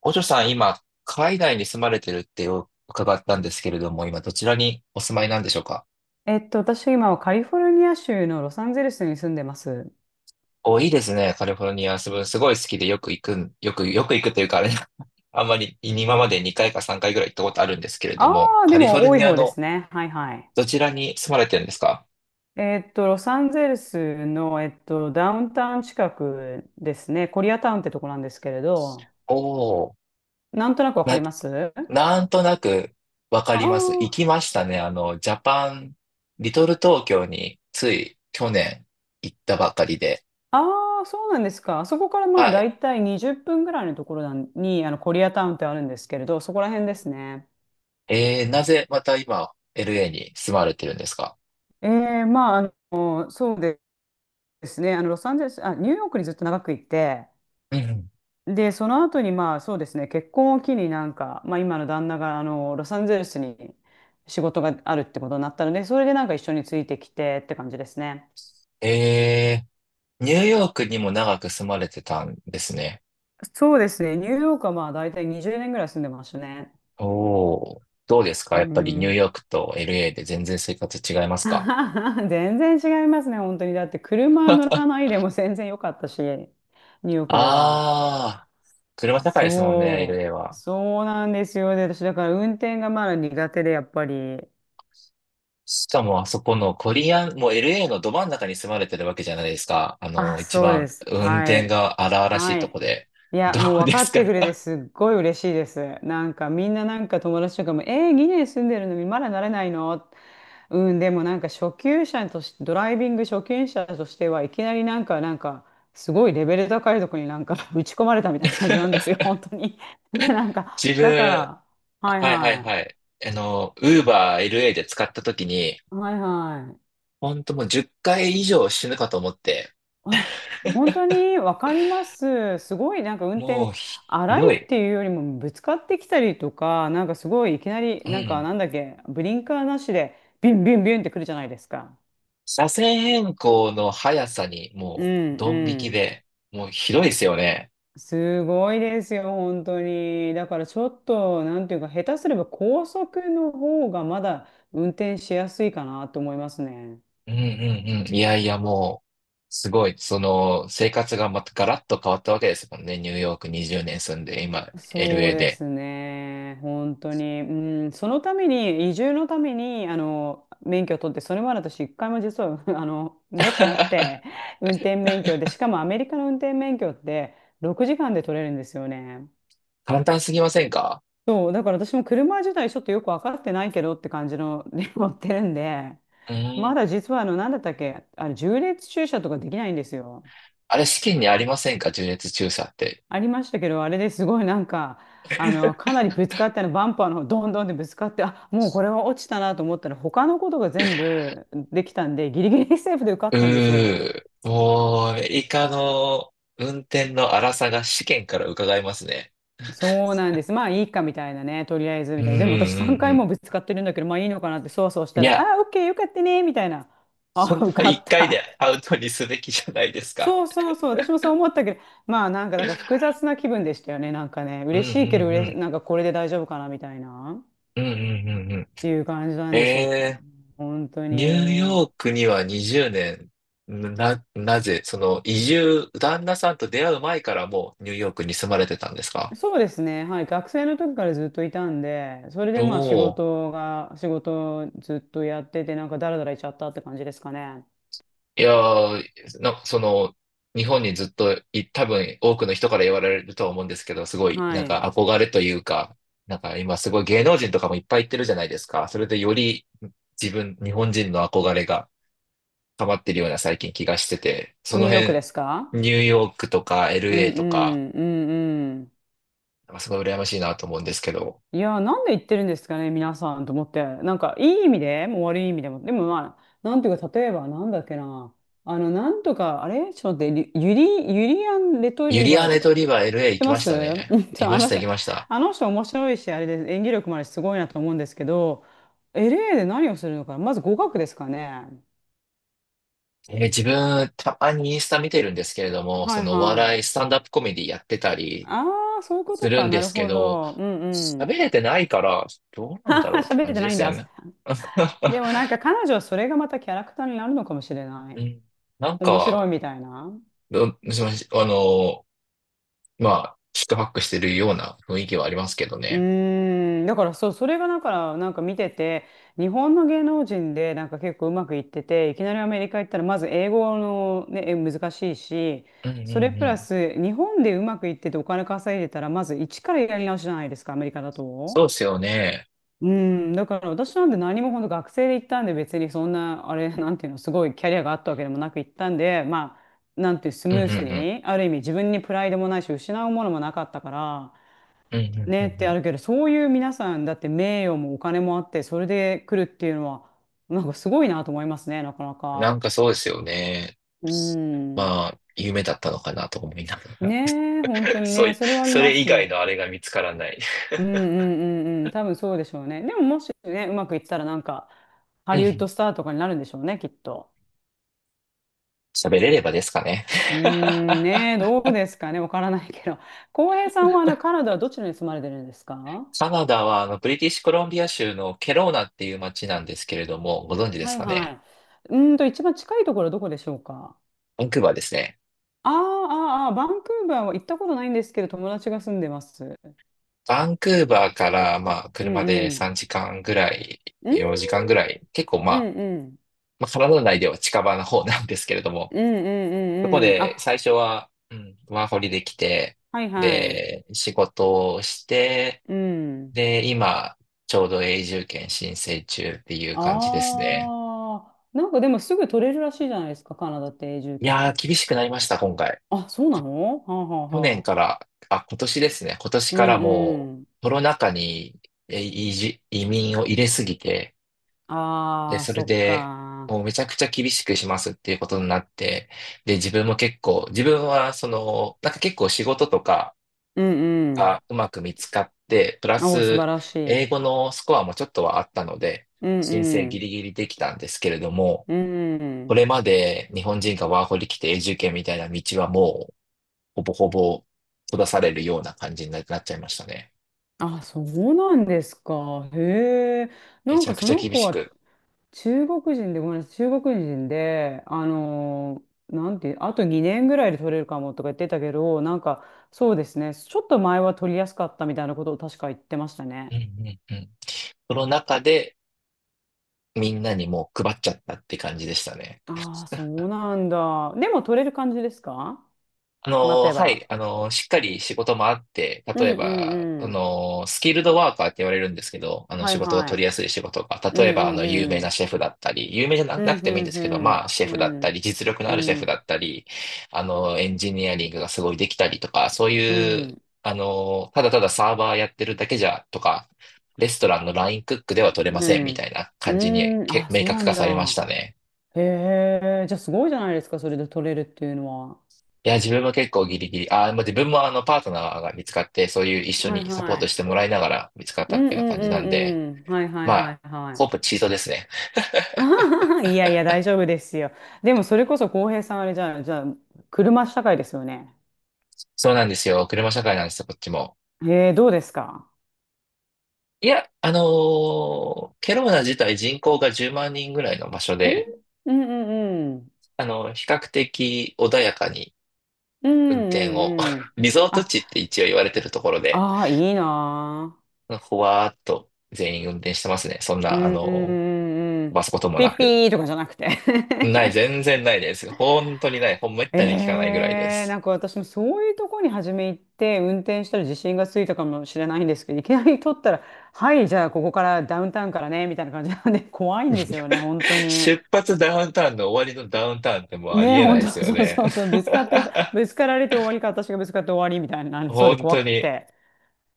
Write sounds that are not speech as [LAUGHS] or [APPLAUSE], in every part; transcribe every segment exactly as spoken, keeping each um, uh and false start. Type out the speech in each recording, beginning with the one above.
お嬢さん、今、海外に住まれてるって伺ったんですけれども、今、どちらにお住まいなんでしょうか？えっと、私今はカリフォルニア州のロサンゼルスに住んでます。お、いいですね。カリフォルニア、すごすごい好きでよく行くん、よく、よく行くというか、あれ、[LAUGHS] あんまり今までにかいかさんかいぐらい行ったことあるんですけれどあも、あ、カでリフォもル多いニア方でのすね。はいはい。どちらに住まれてるんですか？えっと、ロサンゼルスの、えっと、ダウンタウン近くですね。コリアタウンってとこなんですけれど、おおなんとなくわかりー、ます。な、なんとなくわかあります。行ーきましたね。あの、ジャパン、リトル東京につい去年行ったばかりで、あー、そうなんですか。あそこからまあはい。大体にじゅっぷんぐらいのところなんに、あの、コリアタウンってあるんですけれど、そこら辺ですね。えー、なぜまた今 エルエー に住まれてるんですか？えー、まあ、あの、そうですね。あの、ロサンゼルス、あ、ニューヨークにずっと長くいて、うんうん。で、その後にまあそうですね、結婚を機になんか、まあ今の旦那があのロサンゼルスに仕事があるってことになったので、それでなんか一緒についてきてって感じですね。えー、ニューヨークにも長く住まれてたんですね。そうですね、ニューヨークはまあ大体にじゅうねんぐらい住んでましたね。おー、どうですうか、ーやっぱりニューん。ヨークと エルエー で全然生活違いますか？ [LAUGHS] 全然違いますね、本当に。だって車乗らないでも全然良かったし、ニューヨークでは。あー、車社会ですもんね、そ エルエー う、は。そうなんですよ。で、私だから運転がまだ苦手で、やっぱり。しかもあそこのコリアン、もう エルエー のど真ん中に住まれてるわけじゃないですか。ああ、の、一そうで番す。運は転い。が荒々しいはとい。こで。いや、どもうう分でかすっか？ てくれて [LAUGHS] すっごい嬉しいです。なんかみんななんか友達とかも、えー、にねん住んでるのにまだなれないの。うん、でもなんか初級者として、ドライビング初級者としてはいきなりなんか、なんか、すごいレベル高いとこになんか [LAUGHS] 打ち込まれたみたいな感じなんですよ、本当に。[LAUGHS] なんか、自だか分、ら、はいはいはいはい。はい。あの、ウーバー エルエー で使った時に、はいはい。ほんともうじゅっかい以上死ぬかと思って、あ、本当にわかります。すごいなんか運も転うひ荒いどっい。ていうよりもぶつかってきたりとか、なんかすごいいきなりうなんかん。なんだっけ、ブリンカーなしでビンビンビンってくるじゃないですか。車線変更の速さにうもうんドン引うきん。で、もうひどいですよね。すごいですよ、本当に。だからちょっと、なんていうか、下手すれば高速の方がまだ運転しやすいかなと思いますね。うんうんうん。いやいやもう、すごい、その、生活がまたガラッと変わったわけですもんね。ニューヨークにじゅうねん住んで、今、そう エルエー でで。すね。本当に。うん、そのために、移住のために、あの、免許を取って、それまで私、一回も実は、[LAUGHS] あの、持ってなく [LAUGHS] て、運転免許で、しかもアメリカの運転免許って、ろくじかんで取れるんですよね。簡単すぎませんか？そう、だから私も車自体ちょっとよく分かってないけどって感じの [LAUGHS]、ね持ってるんで、うまん。だ実は、あの、なんだったっけ、あの、縦列駐車とかできないんですよ。あれ、試験にありませんか、縦列駐車って？ありましたけど、あれですごいなんか、あの、かなりぶつかってあの、バンパーの方どんどんでぶつかって、あ、もうこれは落ちたなと思ったら、他のことが全部できたんで、ギリギリセーフで受かったんですよ。うー、もう、アメリカの運転の荒さが試験から伺えますね。そうなんです。まあいいかみたいなね、とりあえずうんみうたいな。でも私3ん回うもんぶつかってるんだけど、まあいいのかなってそわそわしうん。たいら、や、あ、オッケーよかったね、みたいな。本あ、当受はかっいっかいでた。アウトにすべきじゃないですか。そうそうそう、私もそう思ったけど、まあなんかだから複雑な気分でしたよね、なんかね、うんう嬉しいけどんう嬉し、ん。なんかこれで大丈夫かなみたいな。うんうんうんうん。っていう感じなんですよ。え本当ー、ニューヨに。ークにはにじゅうねん、な、なぜ、その移住、旦那さんと出会う前からもうニューヨークに住まれてたんですか？そうですね。はい。学生の時からずっといたんで、それおでまあ仕おー。事が、仕事をずっとやってて、なんかダラダラいっちゃったって感じですかね。いやー、なんかその、日本にずっとい、多分多くの人から言われるとは思うんですけど、すごい、なはんい。か憧れというか、なんか今すごい芸能人とかもいっぱい行ってるじゃないですか。それでより自分、日本人の憧れが溜まってるような最近気がしてて、そニのューヨーク辺、ですか？ニューヨークとか うんう エルエー とか、んうんうん。なんかすごい羨ましいなと思うんですけど、いやー、なんで言ってるんですかね、皆さんと思って。なんか、いい意味でも悪い意味でも。でもまあ、なんていうか、例えば、なんだっけな。あの、なんとか、あれちょっと待って、リユリ、ユリアン・レトユリリアバーとネか、とっリバ エルエー 行てきまましす [LAUGHS] たうね。んちいょあましのた、人、行きました。あの人面白いし、あれで演技力もあるし、すごいなと思うんですけど、エルエー で何をするのか、まず語学ですかね。えー自分、たまにインスタ見てるんですけれども、はそいのおは笑い、スい。タンダップコメディやってたりああ、そういうこすとるか。んなでるすけほど、ど。うんう喋ん。れてないから、どうなんだあろーうって喋感れてじでないんすよだ。ね。でもなん [LAUGHS] か彼女はそれがまたキャラクターになるのかもしれない。うん、なん面白いか、みたいな。どすみません、あの、まあ、四苦八苦してるような雰囲気はありますけどうね。ーん、だからそう、それがだから、なんか見てて、日本の芸能人でなんか結構うまくいってて、いきなりアメリカ行ったら、まず英語のね、え難しいし、うんうそれんプうラん。ス、日本でうまくいっててお金稼いでたら、まず一からやり直しじゃないですか、アメリカだそと。うですよね。うん、だから私なんて何も本当学生で行ったんで、別にそんな、あれ、[LAUGHS] なんていうの、すごいキャリアがあったわけでもなく行ったんで、まあ、なんていう、スうんムうんースうん。に、ある意味自分にプライドもないし、失うものもなかったから、うんうんうねっんてあうるけど、そういう皆さんだって名誉もお金もあって、それで来るっていうのは、なんかすごいなと思いますね、なかなん。なか。んかそうですよね。うん。まあ、夢だったのかなと思いながら。ねえ、本当 [LAUGHS] にそうね、いそれはありそまれ以す外ね。のあれが見つからない。うんうんうんうん、多分そうでしょうね。でももしね、うまくいったらなんか、ハうリウッん。ドスターとかになるんでしょうね、きっと。喋れればですかね。うー [LAUGHS] ん、ねえ、どうですかね、わからないけど。[LAUGHS] 浩平さんはあのカナダはどちらに住まれてるんですか？カナダは、あの、ブリティッシュコロンビア州のケローナっていう街なんですけれども、ご存知ではすいかはね。い。うーんと、一番近いところはどこでしょうか？バンクーバーですね。あーあー、あーバンクーバーは行ったことないんですけど、友達が住んでます。バンクーバーから、まあ、うん車うでん。さんじかんぐらい、うんよじかんぐらい、結構まうんあ、うん。まあ、カナダ内では近場の方なんですけれどうも、んうんそこうんうん。であ、最初は、うん、ワーホリできて、はいはい。で、仕事をして、うん。で、今、ちょうど永住権申請中っていう感じですね。ああ、なんかでもすぐ取れるらしいじゃないですか、カナダって永住いやー、権。厳しくなりました、今回。あ、そうなの？はあはあ去は年あ。から、あ、今年ですね。今年うかんらもうん。うコロナ禍にえ移住、移民を入れすぎて、で、ああ、それそっでか。もうめちゃくちゃ厳しくしますっていうことになって、で、自分も結構、自分はその、なんか結構仕事とかうんがうまく見つかって、プラうん。おー素晴スらしい。う英ん語のスコアもちょっとはあったので、う申請ギん。リギリできたんですけれども、うこん。れまで日本人がワーホリ来て永住権みたいな道はもほぼほぼ閉ざされるような感じになっちゃいましたね。あ、そうなんですか。へえ。なめんちゃかくそちゃの厳子しはく。中国人で、ごめんなさい、中国人で、あのーなんていう、あとにねんぐらいで取れるかもとか言ってたけど、なんかそうですね、ちょっと前は取りやすかったみたいなことを確か言ってましたうね。んうんうん。その中でみんなにもう配っちゃったって感じでしたね。ああ、そうなんだ。でも取れる感じですか？あ待のー、てはい、ば。あのー、しっかり仕事もあって、う例えんば、うあんのー、スキルドワーカーって言われるんですけど、あうん。の、は仕い事がは取りい。やすい仕事が、う例えんうば、あの、有ん名うなん。シェフだったり、有名じゃなうなんくうてもいいんでんすけど、うまん。あ、シェフだっうたんり、実力のうあるシェフだんったり、あの、エンジニアリングがすごいできたりとか、そうういう、ん。あのー、ただただサーバーやってるだけじゃ、とか、レストランのラインクックでは取れまうせんみたん。いなう感じにーん。けあ、明そう確な化んされましだ。たね。へえ。じゃあすごいじゃないですか、それで取れるっていうのは。いや、自分も結構ギリギリ。あー、もう自分もあの、パートナーが見つかって、そういう一緒はいにサポーはトい。してもらいながら見つかっうたっんうていうようなん感じなんで、うんうん。はいはいまはあ、いはほぼい。チートですね。[LAUGHS] あははいやいや、大丈夫ですよ。でもそれこそ浩平さんあれじゃあ、じゃあ、車社会ですよね。そうなんですよ。車社会なんですよ、こっちも。へどうですか？いや、あのーケローナ自体人口がじゅうまん人ぐらいの場所んで、うんうんうん。あの、比較的穏やかにうん運転を、うんうん。[LAUGHS] リゾートあ、地って一応言われてるところで、ああ、いいなあ。ほわーっと全員運転してますね。そんうな、あんうんうのんうー、ん。バスこともピなッピく。ーとかじゃなくて？ [LAUGHS] ない、全然ないです。本当にない。ほんまったに聞かないぐらいでえー、す。なんか私もそういうとこに初め行って運転したら自信がついたかもしれないんですけどいきなり取ったら「はいじゃあここからダウンタウンからね」みたいな感じなんで怖いんですよね本当 [LAUGHS] に。出発ダウンタウンの終わりのダウンタウンってもうありねえな本いです当よそうね。そうそうぶつかってぶつかられて終わりか私がぶつかって終わりみたいにな [LAUGHS] りそうで本怖当くっに。て。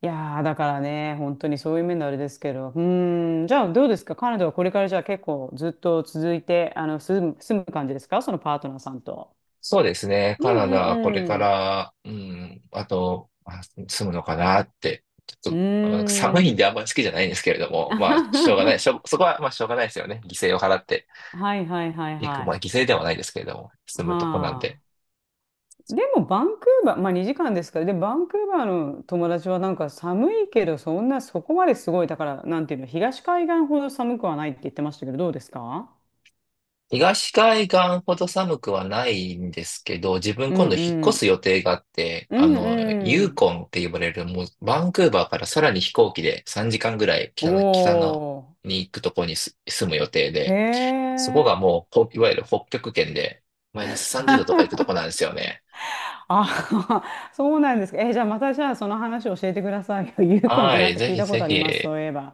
いやーだからね本当にそういう面のあれですけどうーんじゃあどうですかカナダはこれからじゃあ結構ずっと続いてあの住む、住む感じですかそのパートナーさんと。そうですね。うカんナうダ、これかんうん。ら、うん、あと、まあ住むのかなって。ちょっうと、あ寒ーいんでん。あんまり好きじゃないんですけれど [LAUGHS] も、まあ、しょうがない。しはょ、そこは、まあ、しょうがないですよね。犠牲を払っていはいはいいく。はい。まあ、犠牲ではないですけれども、は住むとこなんで。あ。でもバンクーバー、まあにじかんですから、で、バンクーバーの友達はなんか寒いけど、そんなそこまですごい、だから、なんていうの、東海岸ほど寒くはないって言ってましたけど、どうですか？東海岸ほど寒くはないんですけど、自分うん今度引っう越すん。予定があって、うあんの、うユーん。コンって呼ばれる、もうバンクーバーからさらに飛行機でさんじかんぐらい北おの、北のに行くとこにす住む予定ー。へで、そこがえ。もう、ほいわゆる北極圏で、マイナスさんじゅうどとか行くとこなんですよね。あ、[LAUGHS] そうなんですか。え、じゃあまたじゃあその話を教えてくださいよ。[LAUGHS] ユーコンってはなんい、かぜ聞いひたこぜとあります、ひ。そういえば。